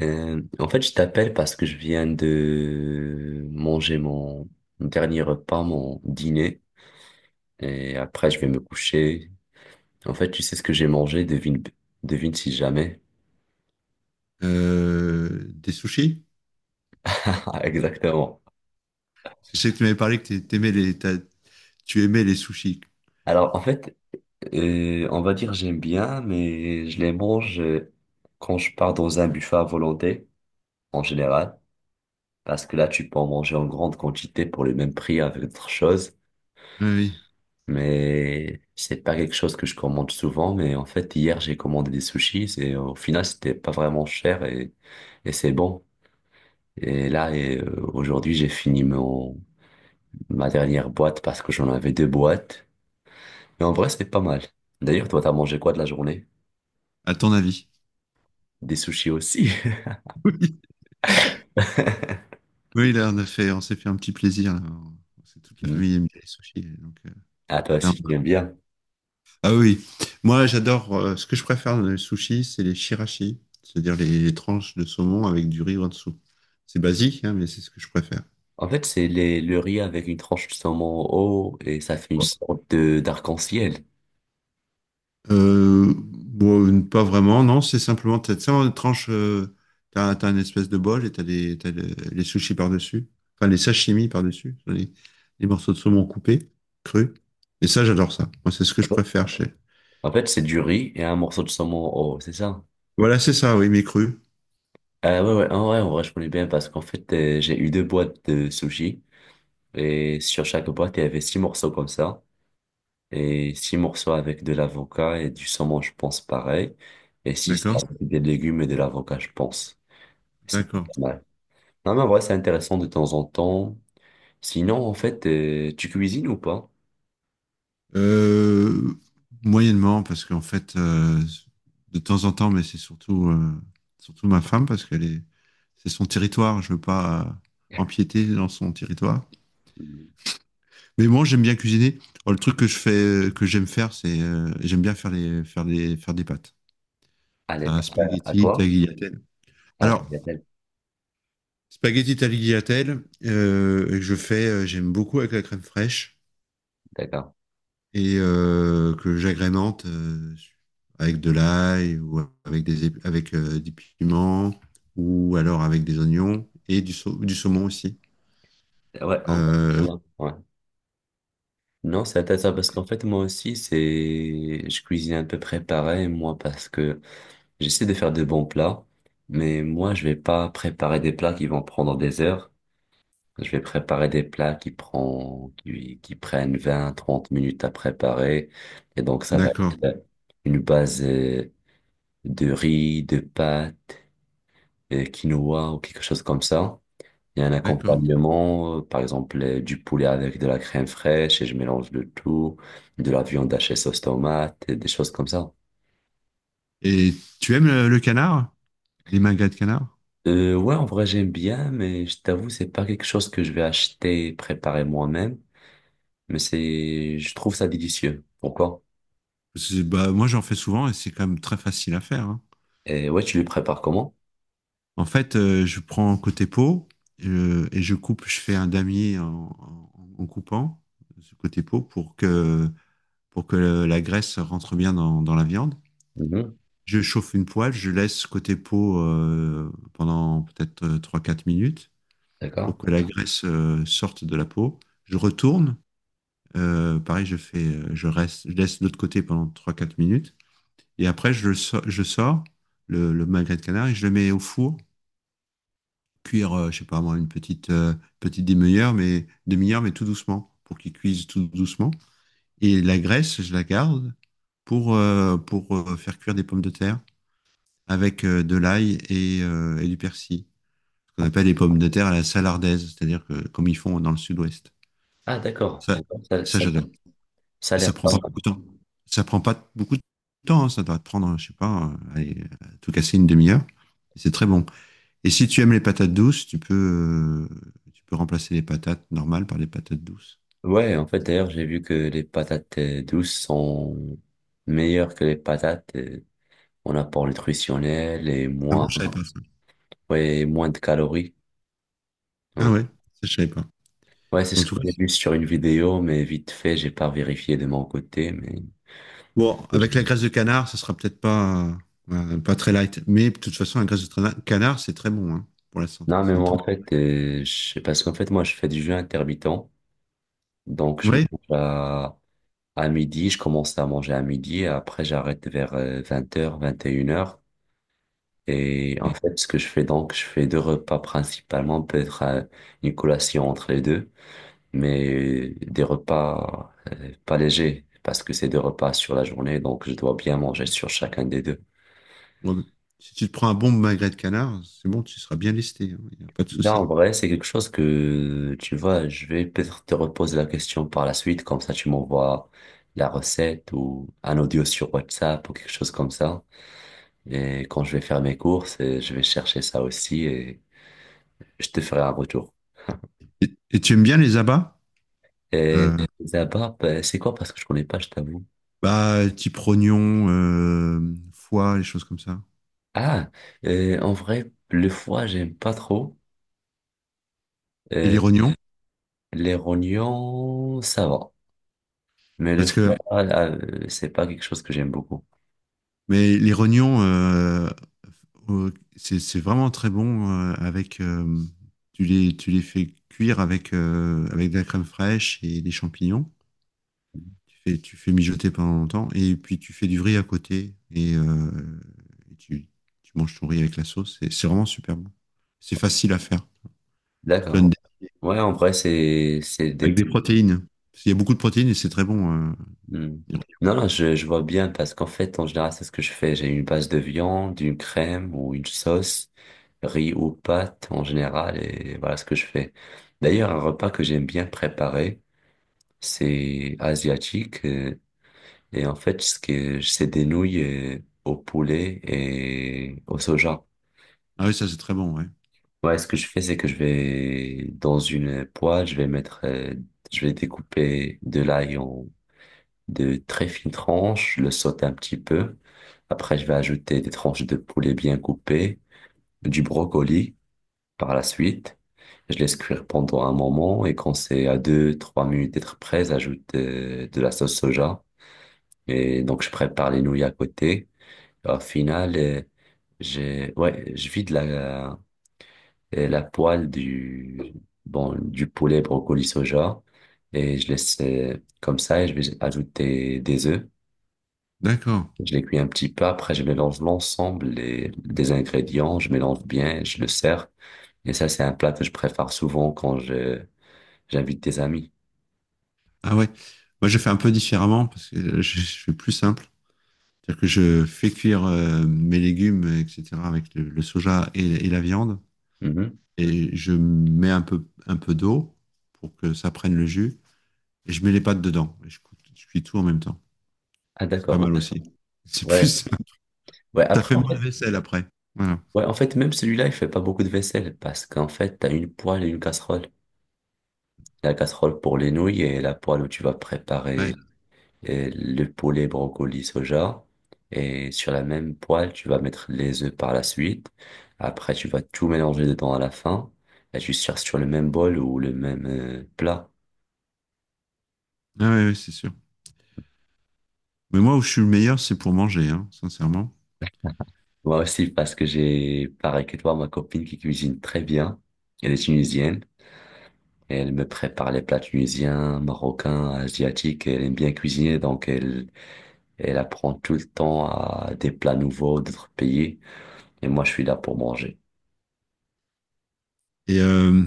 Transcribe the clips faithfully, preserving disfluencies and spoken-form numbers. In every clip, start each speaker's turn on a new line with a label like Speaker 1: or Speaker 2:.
Speaker 1: Euh, en fait, je t'appelle parce que je viens de manger mon dernier repas, mon dîner, et après je vais me coucher. En fait, tu sais ce que j'ai mangé? Devine, devine si jamais.
Speaker 2: Euh, des sushis?
Speaker 1: Exactement.
Speaker 2: Je sais que tu m'avais parlé que t'ai- t'aimais les, t'as- tu aimais les sushis.
Speaker 1: Alors, en fait, euh, on va dire j'aime bien, mais je les mange, euh, quand je pars dans un buffet à volonté, en général, parce que là, tu peux en manger en grande quantité pour le même prix avec d'autres choses.
Speaker 2: Oui, oui.
Speaker 1: Mais c'est pas quelque chose que je commande souvent. Mais en fait, hier, j'ai commandé des sushis et au final, c'était pas vraiment cher, et, et c'est bon. Et là, et, euh, aujourd'hui, j'ai fini mon, ma dernière boîte parce que j'en avais deux boîtes. Et en vrai, c'est pas mal. D'ailleurs, toi, t'as mangé quoi de la journée?
Speaker 2: À ton avis.
Speaker 1: Des sushis aussi.
Speaker 2: Oui, Oui, là, on a fait, on s'est fait un petit plaisir là. C'est toute la
Speaker 1: Hmm.
Speaker 2: famille aime les sushis, donc, euh,
Speaker 1: Ah, toi
Speaker 2: là,
Speaker 1: aussi,
Speaker 2: on
Speaker 1: tu
Speaker 2: va-
Speaker 1: aimes bien.
Speaker 2: Ah oui, moi, j'adore. Euh, ce que je préfère dans les sushis, c'est les shirashi, c'est-à-dire les, les tranches de saumon avec du riz en dessous. C'est basique, hein, mais c'est ce que je préfère.
Speaker 1: En fait, c'est les, le riz avec une tranche de saumon haut et ça fait une sorte de d'arc-en-ciel.
Speaker 2: Euh, bon, pas vraiment, non, c'est simplement, t'as, ça en tranche, euh, t'as, T'as une espèce de bol et t'as les, t'as le- les sushis par-dessus, enfin les sashimi par-dessus, les, les morceaux de saumon coupés, crus. Et ça, j'adore ça. Moi, c'est ce que je préfère chez.
Speaker 1: En fait, c'est du riz et un morceau de saumon haut, c'est ça?
Speaker 2: Voilà, c'est ça, oui, mais cru.
Speaker 1: Ah ouais, ouais, en vrai, en vrai, je connais bien parce qu'en fait, euh, j'ai eu deux boîtes de sushi et sur chaque boîte, il y avait six morceaux comme ça. Et six morceaux avec de l'avocat et du saumon, je pense, pareil. Et six
Speaker 2: D'accord.
Speaker 1: avec des légumes et de l'avocat, je pense. C'est pas
Speaker 2: D'accord.
Speaker 1: mal. Non, mais en vrai, c'est intéressant de temps en temps. Sinon, en fait, euh, tu cuisines ou pas?
Speaker 2: Euh, Moyennement, parce qu'en fait, euh, de temps en temps, mais c'est surtout, euh, surtout ma femme, parce qu'elle est, c'est son territoire, je veux pas, euh, empiéter dans son territoire.
Speaker 1: Mm.
Speaker 2: Mais moi, j'aime bien cuisiner. Oh, le truc que je fais, que j'aime faire, c'est euh, j'aime bien faire les, faire les, faire des pâtes.
Speaker 1: À
Speaker 2: Ça,
Speaker 1: l'époque, Euh, à
Speaker 2: spaghetti,
Speaker 1: quoi?
Speaker 2: tagliatelle.
Speaker 1: À la
Speaker 2: Alors,
Speaker 1: bagatelle.
Speaker 2: spaghetti tagliatelle, euh, que je fais, euh, j'aime beaucoup avec la crème fraîche,
Speaker 1: D'accord.
Speaker 2: et euh, que j'agrémente euh, avec de l'ail ou avec des, ép- avec euh, des piments ou alors avec des oignons et du, sau- du saumon aussi.
Speaker 1: Ouais, en fait, je
Speaker 2: Euh,
Speaker 1: vois bien. Ouais. Non, c'est intéressant parce qu'en fait, moi aussi, c'est, je cuisine un peu préparé, moi, parce que j'essaie de faire de bons plats, mais moi, je vais pas préparer des plats qui vont prendre des heures. Je vais préparer des plats qui prend, qui, qui prennent vingt trente minutes à préparer. Et donc, ça va
Speaker 2: d'accord,
Speaker 1: être, euh, une base, euh, de riz, de pâtes, euh, quinoa ou quelque chose comme ça. Il y a un
Speaker 2: d'accord.
Speaker 1: accompagnement, euh, par exemple, euh, du poulet avec de la crème fraîche et je mélange le tout, de la viande hachée sauce tomate, et des choses comme ça.
Speaker 2: Et tu aimes le, le canard? Les magrets de canard?
Speaker 1: Euh, ouais, en vrai, j'aime bien, mais je t'avoue, c'est pas quelque chose que je vais acheter, et préparer moi-même, mais c'est, je trouve ça délicieux. Pourquoi?
Speaker 2: C'est- Bah, moi, j'en fais souvent et c'est quand même très facile à faire, hein.
Speaker 1: Et ouais, tu lui prépares comment?
Speaker 2: En fait, euh, je prends côté peau, euh, et je coupe, je fais un damier en, en- en coupant ce côté peau pour que, pour que la graisse rentre bien dans, dans la viande.
Speaker 1: Mhm.
Speaker 2: Je chauffe une poêle, je laisse côté peau euh, pendant peut-être euh, trois quatre minutes
Speaker 1: D'accord.
Speaker 2: pour que la graisse euh, sorte de la peau. Je retourne, euh, pareil, je fais, euh, je reste, je laisse de l'autre côté pendant trois quatre minutes. Et après, je, le so- je sors le, le magret de canard et je le mets au four, cuire, euh, je sais pas moi, une petite, euh, petite demi-heure, mais, demi-heure, mais tout doucement, pour qu'il cuise tout doucement. Et la graisse, je la garde pour, euh, pour euh, faire cuire des pommes de terre avec euh, de l'ail et, euh, et du persil. Ce qu'on appelle les pommes de terre à la salardaise, c'est-à-dire que, comme ils font dans le sud-ouest.
Speaker 1: Ah, d'accord.
Speaker 2: Ça,
Speaker 1: Ça,
Speaker 2: ça
Speaker 1: ça-
Speaker 2: j'adore.
Speaker 1: Ça a
Speaker 2: Et ça
Speaker 1: l'air
Speaker 2: prend
Speaker 1: pas
Speaker 2: pas
Speaker 1: mal.
Speaker 2: beaucoup de temps. Ça prend pas beaucoup de temps, hein. Ça doit te prendre, je sais pas, euh, allez, à tout casser une demi-heure. Et c'est très bon. Et si tu aimes les patates douces, tu peux, euh, tu peux remplacer les patates normales par les patates douces.
Speaker 1: Ouais, en fait, d'ailleurs, j'ai vu que les patates, euh, douces sont meilleures que les patates, euh, en apport nutritionnel et
Speaker 2: Ah
Speaker 1: moins,
Speaker 2: bon, je savais pas ça.
Speaker 1: ouais, moins de calories.
Speaker 2: Ah
Speaker 1: Ouais.
Speaker 2: ouais, ça, je savais pas.
Speaker 1: Ouais, c'est
Speaker 2: En
Speaker 1: ce que
Speaker 2: tout cas,
Speaker 1: j'ai vu sur une vidéo, mais vite fait, j'ai pas vérifié de mon côté, mais
Speaker 2: bon, avec la graisse de canard, ça sera peut-être pas, euh, pas très light. Mais de toute façon, la graisse de trana- canard, c'est très bon hein, pour la santé.
Speaker 1: non,
Speaker 2: C'est
Speaker 1: mais
Speaker 2: une
Speaker 1: moi,
Speaker 2: très-
Speaker 1: en fait, euh, je sais parce qu'en fait, moi, je fais du jeûne intermittent, donc je
Speaker 2: Ouais.
Speaker 1: mange à À midi, je commence à manger à midi et après j'arrête vers euh, vingt heures, vingt et une heures. Et
Speaker 2: Ouais.
Speaker 1: en
Speaker 2: Ouais.
Speaker 1: fait, ce que je fais donc, je fais deux repas principalement, peut-être, euh, une collation entre les deux, mais des repas, euh, pas légers, parce que c'est deux repas sur la journée, donc je dois bien manger sur chacun des deux.
Speaker 2: Bon, si tu te prends un bon magret de canard, c'est bon, tu seras bien lesté. Il n'y a pas de
Speaker 1: Là, en
Speaker 2: souci.
Speaker 1: vrai, c'est quelque chose que, tu vois, je vais peut-être te reposer la question par la suite, comme ça tu m'envoies la recette ou un audio sur WhatsApp ou quelque chose comme ça. Et quand je vais faire mes courses, euh, je vais chercher ça aussi et je te ferai un retour.
Speaker 2: Et, et tu aimes bien les abats?
Speaker 1: Et
Speaker 2: Euh,
Speaker 1: là-bas, bah, c'est quoi? Parce que je connais pas, je t'avoue.
Speaker 2: Bah, type rognon, euh, foie, les choses comme ça.
Speaker 1: Ah, euh, en vrai, le foie, j'aime pas trop.
Speaker 2: Et
Speaker 1: Euh,
Speaker 2: les rognons?
Speaker 1: les rognons, ça va. Mais le
Speaker 2: Parce que
Speaker 1: foie, euh, c'est pas quelque chose que j'aime beaucoup.
Speaker 2: mais les rognons, euh, au- c'est c'est vraiment très bon euh, avec. Euh, tu les, tu les fais cuire avec, euh, avec de la crème fraîche et des champignons. Tu fais, tu fais mijoter pendant longtemps et puis tu fais du riz à côté et euh, et tu, tu manges ton riz avec la sauce. C'est c'est vraiment super bon. C'est facile à faire. Je te donne
Speaker 1: D'accord.
Speaker 2: des-
Speaker 1: Ouais, en vrai, c'est, c'est
Speaker 2: Avec
Speaker 1: des.
Speaker 2: des protéines. Parce qu'il y a beaucoup de protéines et c'est très bon, euh.
Speaker 1: Hmm. Non, non, je, je vois bien parce qu'en fait, en général, c'est ce que je fais. J'ai une base de viande, une crème ou une sauce, riz ou pâte en général, et voilà ce que je fais. D'ailleurs, un repas que j'aime bien préparer, c'est asiatique. euh, Et en fait, ce que c'est des nouilles, euh, au poulet et au soja.
Speaker 2: Ah oui, ça c'est très bon, ouais.
Speaker 1: Ouais, ce que je fais, c'est que je vais dans une poêle, je vais mettre, euh, je vais découper de l'ail de très fines tranches, je le saute un petit peu. Après, je vais ajouter des tranches de poulet bien coupées, du brocoli par la suite. Je laisse cuire pendant un moment et quand c'est à deux, trois minutes d'être prêt, j'ajoute, euh, de la sauce soja. Et donc, je prépare les nouilles à côté. Au final, euh, j'ai, ouais, je vide la, euh, la poêle, du, bon, du poulet brocoli soja et je laisse, euh, comme ça et je vais ajouter des œufs.
Speaker 2: D'accord.
Speaker 1: Je les cuis un petit peu, après je mélange l'ensemble les- des ingrédients, je mélange bien, je le sers. Et ça, c'est un plat que je prépare souvent quand je j'invite des amis.
Speaker 2: Ah ouais. Moi, je fais un peu différemment parce que je, je fais plus simple. C'est-à-dire que je fais cuire euh, mes légumes, et cetera, avec le, le soja et, et la viande.
Speaker 1: Mhm.
Speaker 2: Et je mets un peu, un peu d'eau pour que ça prenne le jus. Et je mets les pâtes dedans. Et je, cou- je cuis tout en même temps.
Speaker 1: Ah
Speaker 2: C'est pas
Speaker 1: d'accord,
Speaker 2: mal aussi. C'est
Speaker 1: ouais.
Speaker 2: plus.
Speaker 1: Ouais,
Speaker 2: Ça
Speaker 1: après
Speaker 2: fait
Speaker 1: en
Speaker 2: moins de
Speaker 1: fait,
Speaker 2: vaisselle après. Voilà.
Speaker 1: ouais, en fait même celui-là, il fait pas beaucoup de vaisselle parce qu'en fait, t'as une poêle et une casserole. La casserole pour les nouilles et la poêle où tu vas
Speaker 2: Ouais.
Speaker 1: préparer, euh, le poulet, brocoli, soja. Et sur la même poêle, tu vas mettre les œufs par la suite. Après, tu vas tout mélanger dedans à la fin. Et tu sers sur le même bol ou le même, euh, plat.
Speaker 2: Ah ouais, ouais, c'est sûr. Mais moi, où je suis le meilleur, c'est pour manger, hein, sincèrement.
Speaker 1: Moi aussi, parce que j'ai, pareil que toi, ma copine qui cuisine très bien. Elle est tunisienne. Et elle me prépare les plats tunisiens, marocains, asiatiques. Elle aime bien cuisiner, donc elle, elle apprend tout le temps à des plats nouveaux d'autres pays. Et moi, je suis là pour manger.
Speaker 2: Et, euh,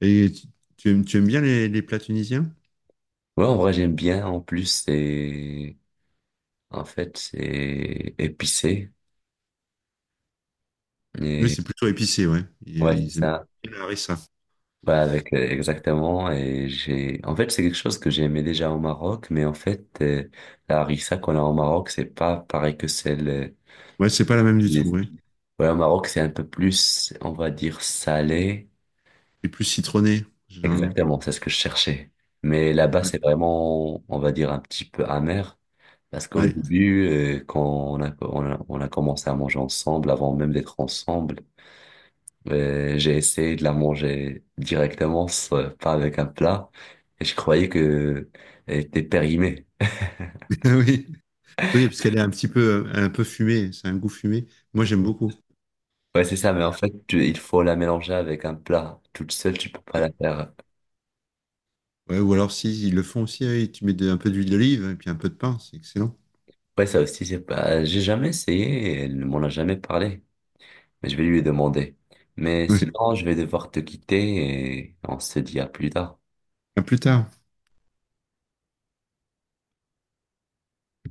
Speaker 2: et tu, tu aimes, tu aimes bien les, les plats tunisiens?
Speaker 1: Ouais, en vrai, j'aime bien. En plus, c'est, en fait, c'est épicé.
Speaker 2: Oui,
Speaker 1: Et,
Speaker 2: c'est plutôt épicé, ouais.
Speaker 1: ouais,
Speaker 2: Ils,
Speaker 1: c'est
Speaker 2: ils aiment
Speaker 1: ça.
Speaker 2: bien la harissa.
Speaker 1: Bah, avec, euh, exactement. Et j'ai, en fait, c'est quelque chose que j'aimais déjà au Maroc, mais en fait, euh, la harissa qu'on a au Maroc, c'est pas pareil que celle, euh,
Speaker 2: Ouais, c'est pas la même du tout,
Speaker 1: tunisienne.
Speaker 2: ouais.
Speaker 1: Ouais, au Maroc, c'est un peu plus, on va dire, salé.
Speaker 2: Suis plus citronné, généralement.
Speaker 1: Exactement, c'est ce que je cherchais. Mais là-bas, c'est vraiment, on va dire, un petit peu amer. Parce qu'au
Speaker 2: Ouais.
Speaker 1: début, euh, quand on a, on a, on a commencé à manger ensemble, avant même d'être ensemble, euh, j'ai essayé de la manger directement, sans- pas avec un plat, et je croyais que elle était périmée.
Speaker 2: Oui. Oui, parce qu'elle est un petit peu, un peu fumée, c'est un goût fumé. Moi, j'aime beaucoup.
Speaker 1: Ouais, c'est ça, mais en fait, tu- il faut la mélanger avec un plat. Toute seule, tu peux pas la faire.
Speaker 2: Ouais, ou alors, si, ils le font aussi, oui, tu mets de- un peu d'huile d'olive et puis un peu de pain, c'est excellent.
Speaker 1: Ouais, ça aussi, c'est pas, j'ai jamais essayé, et elle ne m'en a jamais parlé, mais je vais lui demander. Mais
Speaker 2: Ouais.
Speaker 1: sinon, je vais devoir te quitter et on se dit à plus tard.
Speaker 2: À plus tard.